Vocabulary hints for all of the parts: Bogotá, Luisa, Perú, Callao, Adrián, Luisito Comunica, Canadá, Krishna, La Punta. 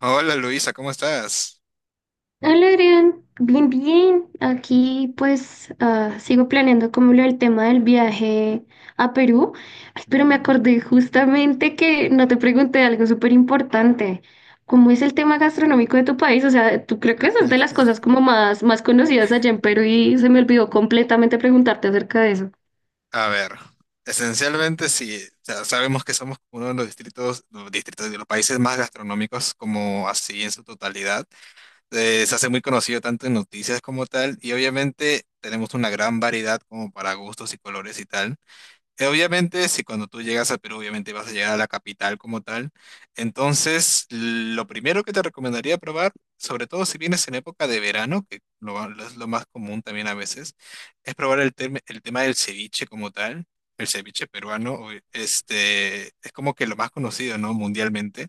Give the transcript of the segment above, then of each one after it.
Hola Luisa, ¿cómo estás? Hola, Adrián. Bien, bien. Aquí pues sigo planeando como lo del tema del viaje a Perú. Ay, pero me Ujú. acordé justamente que no te pregunté algo súper importante. ¿Cómo es el tema gastronómico de tu país? O sea, tú creo que esa es de las cosas como más, más conocidas allá en Perú y se me olvidó completamente preguntarte acerca de eso. A ver, esencialmente sí, o sea, sabemos que somos uno de los distritos de los países más gastronómicos como así en su totalidad. Se hace muy conocido tanto en noticias como tal y obviamente tenemos una gran variedad como para gustos y colores y tal. Obviamente, si cuando tú llegas a Perú, obviamente vas a llegar a la capital como tal. Entonces, lo primero que te recomendaría probar, sobre todo si vienes en época de verano, que lo es lo más común también a veces, es probar el tema del ceviche como tal. El ceviche peruano, es como que lo más conocido, ¿no? Mundialmente.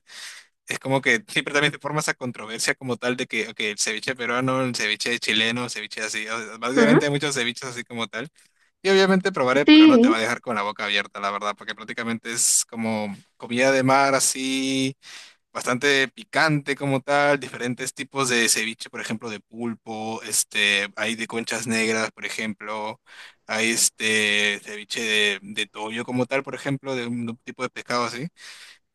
Es como que siempre también te forma esa controversia como tal de que, ok, el ceviche peruano, el ceviche chileno, el ceviche así. O sea, básicamente Ujú. hay muchos ceviches así como tal. Y obviamente probaré, pero no te va a Sí. dejar con la boca abierta, la verdad, porque prácticamente es como comida de mar así, bastante picante como tal, diferentes tipos de ceviche, por ejemplo, de pulpo, hay de conchas negras, por ejemplo, hay este ceviche de toyo como tal, por ejemplo, de un tipo de pescado así.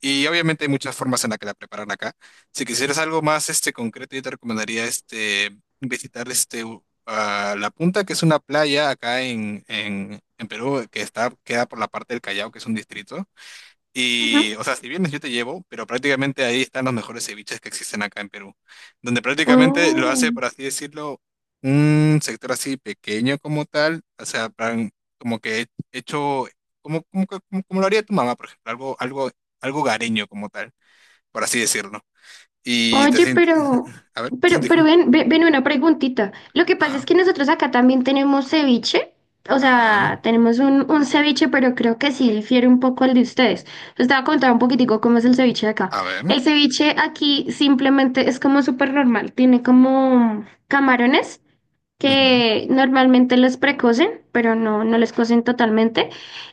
Y obviamente hay muchas formas en las que la preparan acá. Si quisieras algo más este, concreto, yo te recomendaría este, visitar a La Punta, que es una playa acá en Perú, que está, queda por la parte del Callao, que es un distrito. Ujú. Y, o sea, si vienes yo te llevo, pero prácticamente ahí están los mejores ceviches que existen acá en Perú, donde prácticamente lo Oh. hace, por así decirlo, un sector así pequeño como tal, o sea, plan, como que hecho, como, como lo haría tu mamá, por ejemplo, algo gareño como tal, por así decirlo. Y te Oye, sientes, pero, a ver, sí, pero, pero disculpa. ven, ven, una preguntita. Lo que pasa es Ajá, que nosotros acá también tenemos ceviche. O ajá, sea, tenemos un ceviche, pero creo que sí difiere un poco al de ustedes. Les estaba a contar un poquitico cómo es el ceviche de acá. a ver. El ceviche aquí simplemente es como súper normal. Tiene como camarones Ujú. que normalmente los precocen, pero no, no los cocen totalmente.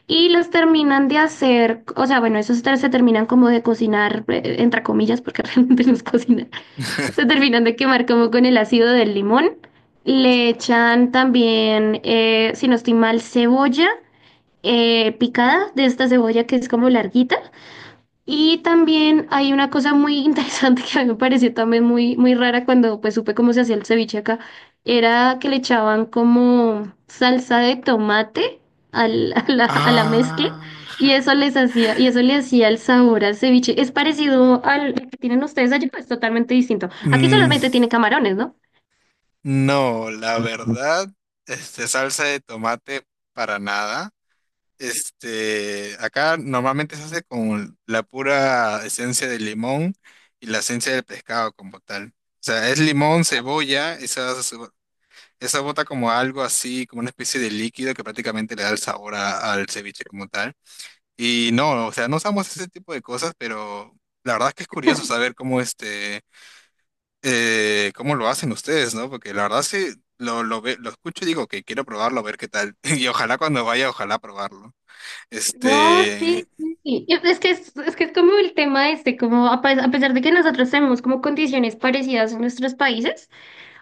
Y los terminan de hacer, o sea, bueno, esos tres se terminan como de cocinar, entre comillas, porque realmente los cocinan. Se terminan de quemar como con el ácido del limón. Le echan también, si no estoy mal, cebolla picada, de esta cebolla que es como larguita. Y también hay una cosa muy interesante que a mí me pareció también muy, muy rara cuando pues supe cómo se hacía el ceviche acá, era que le echaban como salsa de tomate a la mezcla Ah, ja. y y eso le hacía el sabor al ceviche. Es parecido al que tienen ustedes allí, pues totalmente distinto. Aquí solamente Mm. tiene camarones, ¿no? No, la verdad, este, salsa de tomate para nada. Este, acá normalmente se hace con la pura esencia de limón y la esencia del pescado como tal. O sea, es limón, cebolla, esa bota como algo así, como una especie de líquido que prácticamente le da el sabor al ceviche como tal. Y no, o sea, no usamos ese tipo de cosas, pero la verdad es que es curioso saber cómo este cómo lo hacen ustedes, ¿no? Porque la verdad sí, lo escucho y digo que quiero probarlo, a ver qué tal. Y ojalá cuando vaya, ojalá probarlo. No, Este, sí, sí. Y es que es que es como el tema este, como a pesar de que nosotros tenemos como condiciones parecidas en nuestros países.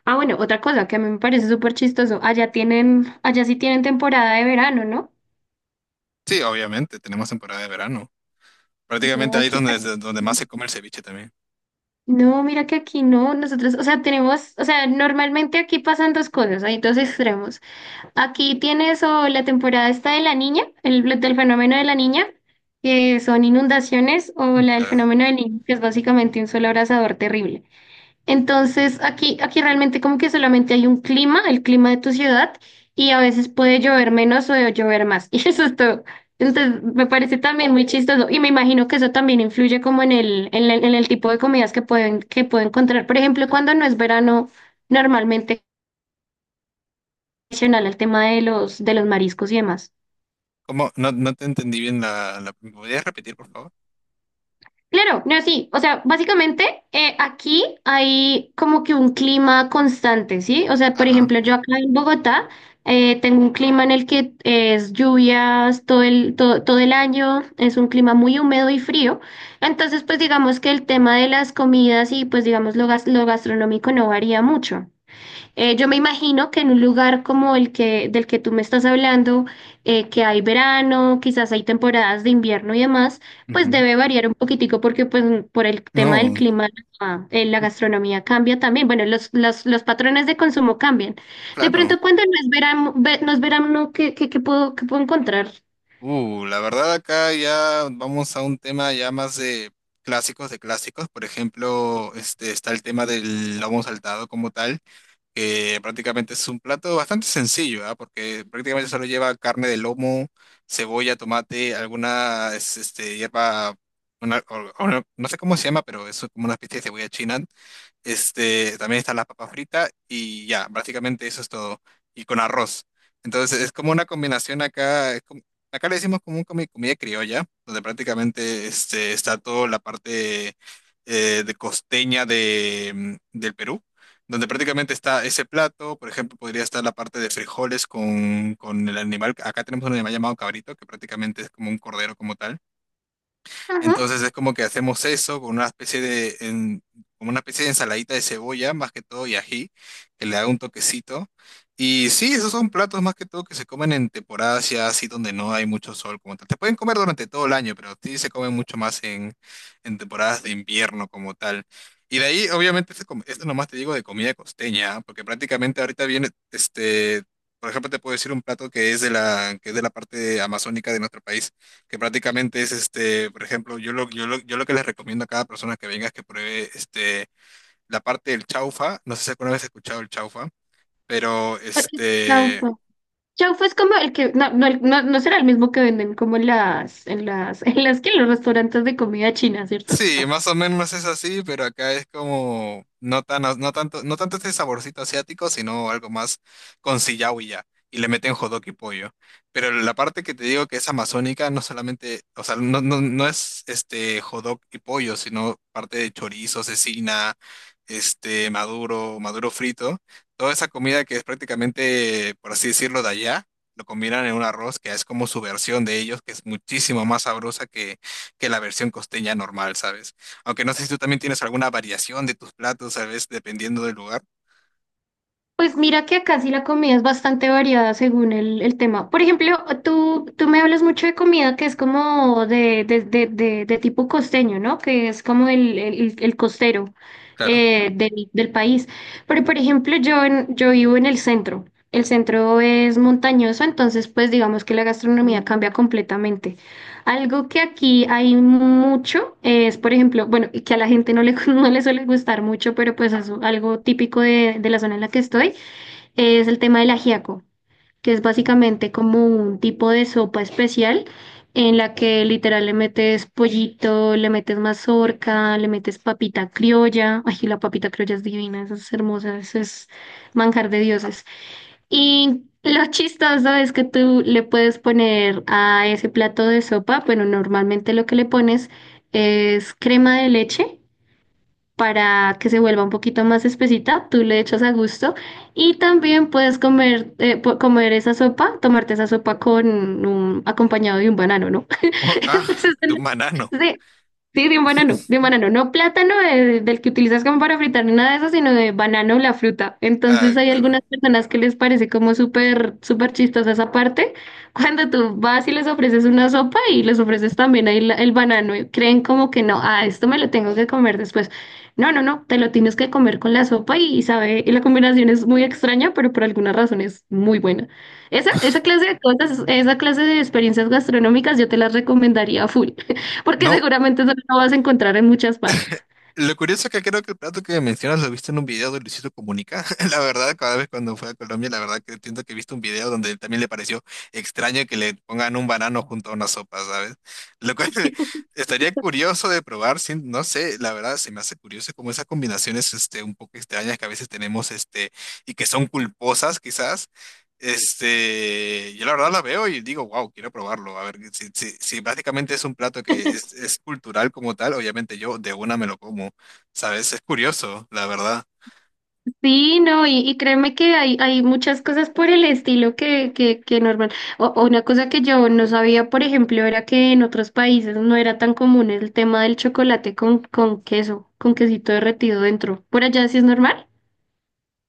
Ah, bueno, otra cosa que a mí me parece súper chistoso. Allá tienen, allá sí tienen temporada de verano, ¿no? sí, obviamente, tenemos temporada de verano. No, Prácticamente ahí aquí. Donde más se come el ceviche también. No, mira que aquí no, nosotros, o sea, tenemos, o sea, normalmente aquí pasan dos cosas, hay dos extremos. Aquí tienes o la temporada esta de la niña, el del fenómeno de la niña, que son inundaciones, o la del Claro. fenómeno del niño, que es básicamente un solo abrasador terrible. Entonces, aquí realmente como que solamente hay un clima, el clima de tu ciudad, y a veces puede llover menos o llover más. Y eso es todo. Entonces, me parece también muy chistoso. Y me imagino que eso también influye como en el tipo de comidas que pueden, que puedo encontrar. Por ejemplo, cuando no es verano, normalmente adicional el tema de los mariscos y demás. ¿Cómo? No, no te entendí bien ¿me podrías repetir, por favor? Claro, no, sí. O sea, básicamente aquí hay como que un clima constante, ¿sí? O sea, por Ajá. ejemplo, yo acá en Bogotá tengo un clima en el que es lluvias todo el año, es un clima muy húmedo y frío. Entonces, pues digamos que el tema de las comidas y pues digamos lo, lo gastronómico no varía mucho. Yo me imagino que en un lugar como el que del que tú me estás hablando, que hay verano, quizás hay temporadas de invierno y demás, pues Ujú. debe variar un poquitico porque pues por el tema del No, clima la gastronomía cambia también. Bueno, los patrones de consumo cambian. De claro. pronto cuando no es verano, ¿qué, qué, qué puedo encontrar? La verdad acá ya vamos a un tema ya más de clásicos de clásicos. Por ejemplo, este está el tema del lomo saltado como tal. Que prácticamente es un plato bastante sencillo, ¿ah? Porque prácticamente solo lleva carne de lomo, cebolla, tomate, hierba, o no sé cómo se llama, pero es como una especie de cebolla china, este, también está la papa frita y ya, básicamente eso es todo. Y con arroz. Entonces es como una combinación acá, acá le decimos como comida criolla, donde prácticamente este, está toda la parte de costeña de, mm, del Perú, donde prácticamente está ese plato, por ejemplo, podría estar la parte de frijoles con el animal, acá tenemos un animal llamado cabrito, que prácticamente es como un cordero como tal. Ajá. Entonces es como que hacemos eso con una especie como una especie de ensaladita de cebolla, más que todo y ají, que le da un toquecito. Y sí, esos son platos más que todo que se comen en temporadas ya así donde no hay mucho sol como tal. Te pueden comer durante todo el año, pero sí se comen mucho más en temporadas de invierno como tal. Y de ahí, obviamente, esto nomás te digo de comida costeña, ¿ah? Porque prácticamente ahorita viene, este, por ejemplo, te puedo decir un plato que es que es de la parte amazónica de nuestro país que prácticamente es, este, por ejemplo, yo lo que les recomiendo a cada persona que venga es que pruebe este, la parte del chaufa. No sé si alguna vez has escuchado el chaufa, pero Ok, este, chaufa. Chaufa es como el que, no, no, no será el mismo que venden como en en las que en los restaurantes de comida china, ¿cierto? sí, No. más o menos es así, pero acá es como no tanto, no tanto este saborcito asiático, sino algo más con sillao y ya. Y le meten jodok y pollo. Pero la parte que te digo que es amazónica, no solamente, o sea, no es este jodok y pollo, sino parte de chorizo, cecina, este maduro, maduro frito. Toda esa comida que es prácticamente, por así decirlo, de allá, lo combinan en un arroz que es como su versión de ellos, que es muchísimo más sabrosa que la versión costeña normal, ¿sabes? Aunque no sé si tú también tienes alguna variación de tus platos, ¿sabes? Dependiendo del lugar. Pues mira que acá sí la comida es bastante variada según el tema. Por ejemplo, tú me hablas mucho de comida que es como de tipo costeño, ¿no? Que es como el, el costero Claro. Del, del país. Pero por ejemplo, yo, yo vivo en el centro. El centro es montañoso, entonces pues digamos que la gastronomía cambia completamente. Algo que aquí hay mucho es, por ejemplo, bueno, y que a la gente no le, no le suele gustar mucho, pero pues es algo típico de la zona en la que estoy es el tema del ajiaco, que es básicamente como un tipo de sopa especial en la que literal le metes pollito, le metes mazorca, le metes papita criolla. Ay, la papita criolla es divina, esa es hermosa, eso es manjar de dioses. Y lo chistoso es que tú le puedes poner a ese plato de sopa, bueno, normalmente lo que le pones es crema de leche para que se vuelva un poquito más espesita, tú le echas a gusto y también puedes comer, comer esa sopa, tomarte esa sopa con un acompañado de un banano, ¿no? Oh, Entonces, ah, de un banano. sí, sí, de un banano, no plátano del que utilizas como para fritar ni nada de eso, sino de banano, la fruta. Ah, Entonces hay claro. algunas personas que les parece como súper, súper chistosa esa parte, cuando tú vas y les ofreces una sopa y les ofreces también ahí el banano, y creen como que no, ah, esto me lo tengo que comer después. No, no, no, te lo tienes que comer con la sopa y sabe, y la combinación es muy extraña, pero por alguna razón es muy buena. Esa clase de cosas, esa clase de experiencias gastronómicas yo te las recomendaría a full, porque No, seguramente eso no lo vas a encontrar en muchas partes. lo curioso es que creo que el plato que mencionas lo viste en un video de Luisito Comunica. La verdad, cada vez cuando fue a Colombia, la verdad que entiendo que he visto un video donde también le pareció extraño que le pongan un banano junto a una sopa, ¿sabes? Lo cual estaría curioso de probar, sin, no sé, la verdad se me hace curioso como esas combinaciones este, un poco extrañas que a veces tenemos este, y que son culposas quizás, este, yo la verdad la veo y digo, wow, quiero probarlo. A ver, si básicamente es un plato es cultural como tal, obviamente yo de una me lo como, ¿sabes? Es curioso, la verdad. Sí, no, y créeme que hay muchas cosas por el estilo que normal. O una cosa que yo no sabía, por ejemplo, era que en otros países no era tan común el tema del chocolate con queso, con quesito derretido dentro. ¿Por allá sí es normal?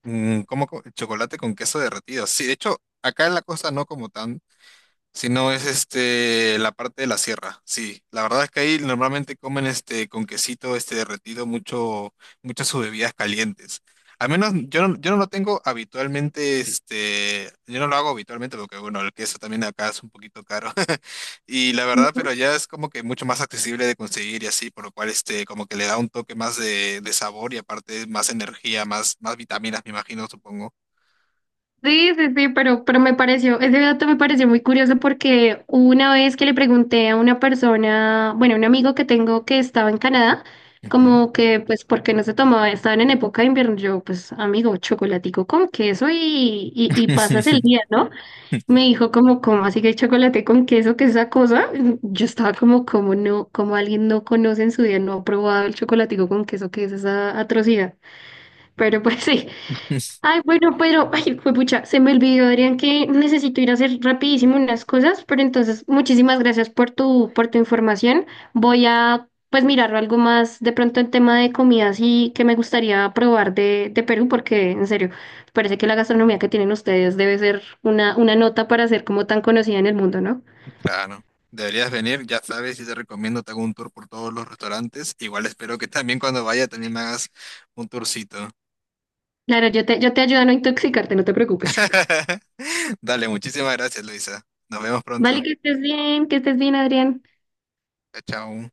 Mm, chocolate con queso derretido. Sí, de hecho, acá en la costa no como tan, si no, es este, la parte de la sierra, sí. La verdad es que ahí normalmente comen este, con quesito este, derretido mucho, muchas sus bebidas calientes. Al menos yo no lo tengo habitualmente, este, yo no lo hago habitualmente porque, bueno, el queso también acá es un poquito caro. Y la verdad, pero allá es como que mucho más accesible de conseguir y así, por lo cual, este, como que le da un toque más de sabor y aparte más energía, más vitaminas, me imagino, supongo. Sí, sí, sí, pero me pareció, ese dato me pareció muy curioso porque una vez que le pregunté a una persona, bueno, un amigo que tengo que estaba en Canadá, Ujú. como que, pues, ¿por qué no se tomaba? Estaban en época de invierno, yo, pues, amigo, chocolatico con queso y pasas el día, ¿no? Me dijo como, ¿cómo así que hay chocolate con queso? ¿Qué es esa cosa? Yo estaba como, ¿cómo no? ¿Cómo alguien no conoce en su día, no ha probado el chocolatico con queso? ¿Qué es esa atrocidad? Pero pues sí. Ay, bueno, pero, ay, juepucha, se me olvidó, Adrián, que necesito ir a hacer rapidísimo unas cosas, pero entonces, muchísimas gracias por tu información. Voy a, pues, mirar algo más de pronto en tema de comidas y que me gustaría probar de Perú, porque, en serio, parece que la gastronomía que tienen ustedes debe ser una nota para ser como tan conocida en el mundo, ¿no? Claro, deberías venir, ya sabes, y te recomiendo, te hago un tour por todos los restaurantes. Igual espero que también cuando vaya también me hagas un tourcito. Claro, yo te ayudo a no intoxicarte, no te preocupes. Dale, muchísimas gracias, Luisa. Nos vemos Vale, pronto. Que estés bien, Adrián. Chao.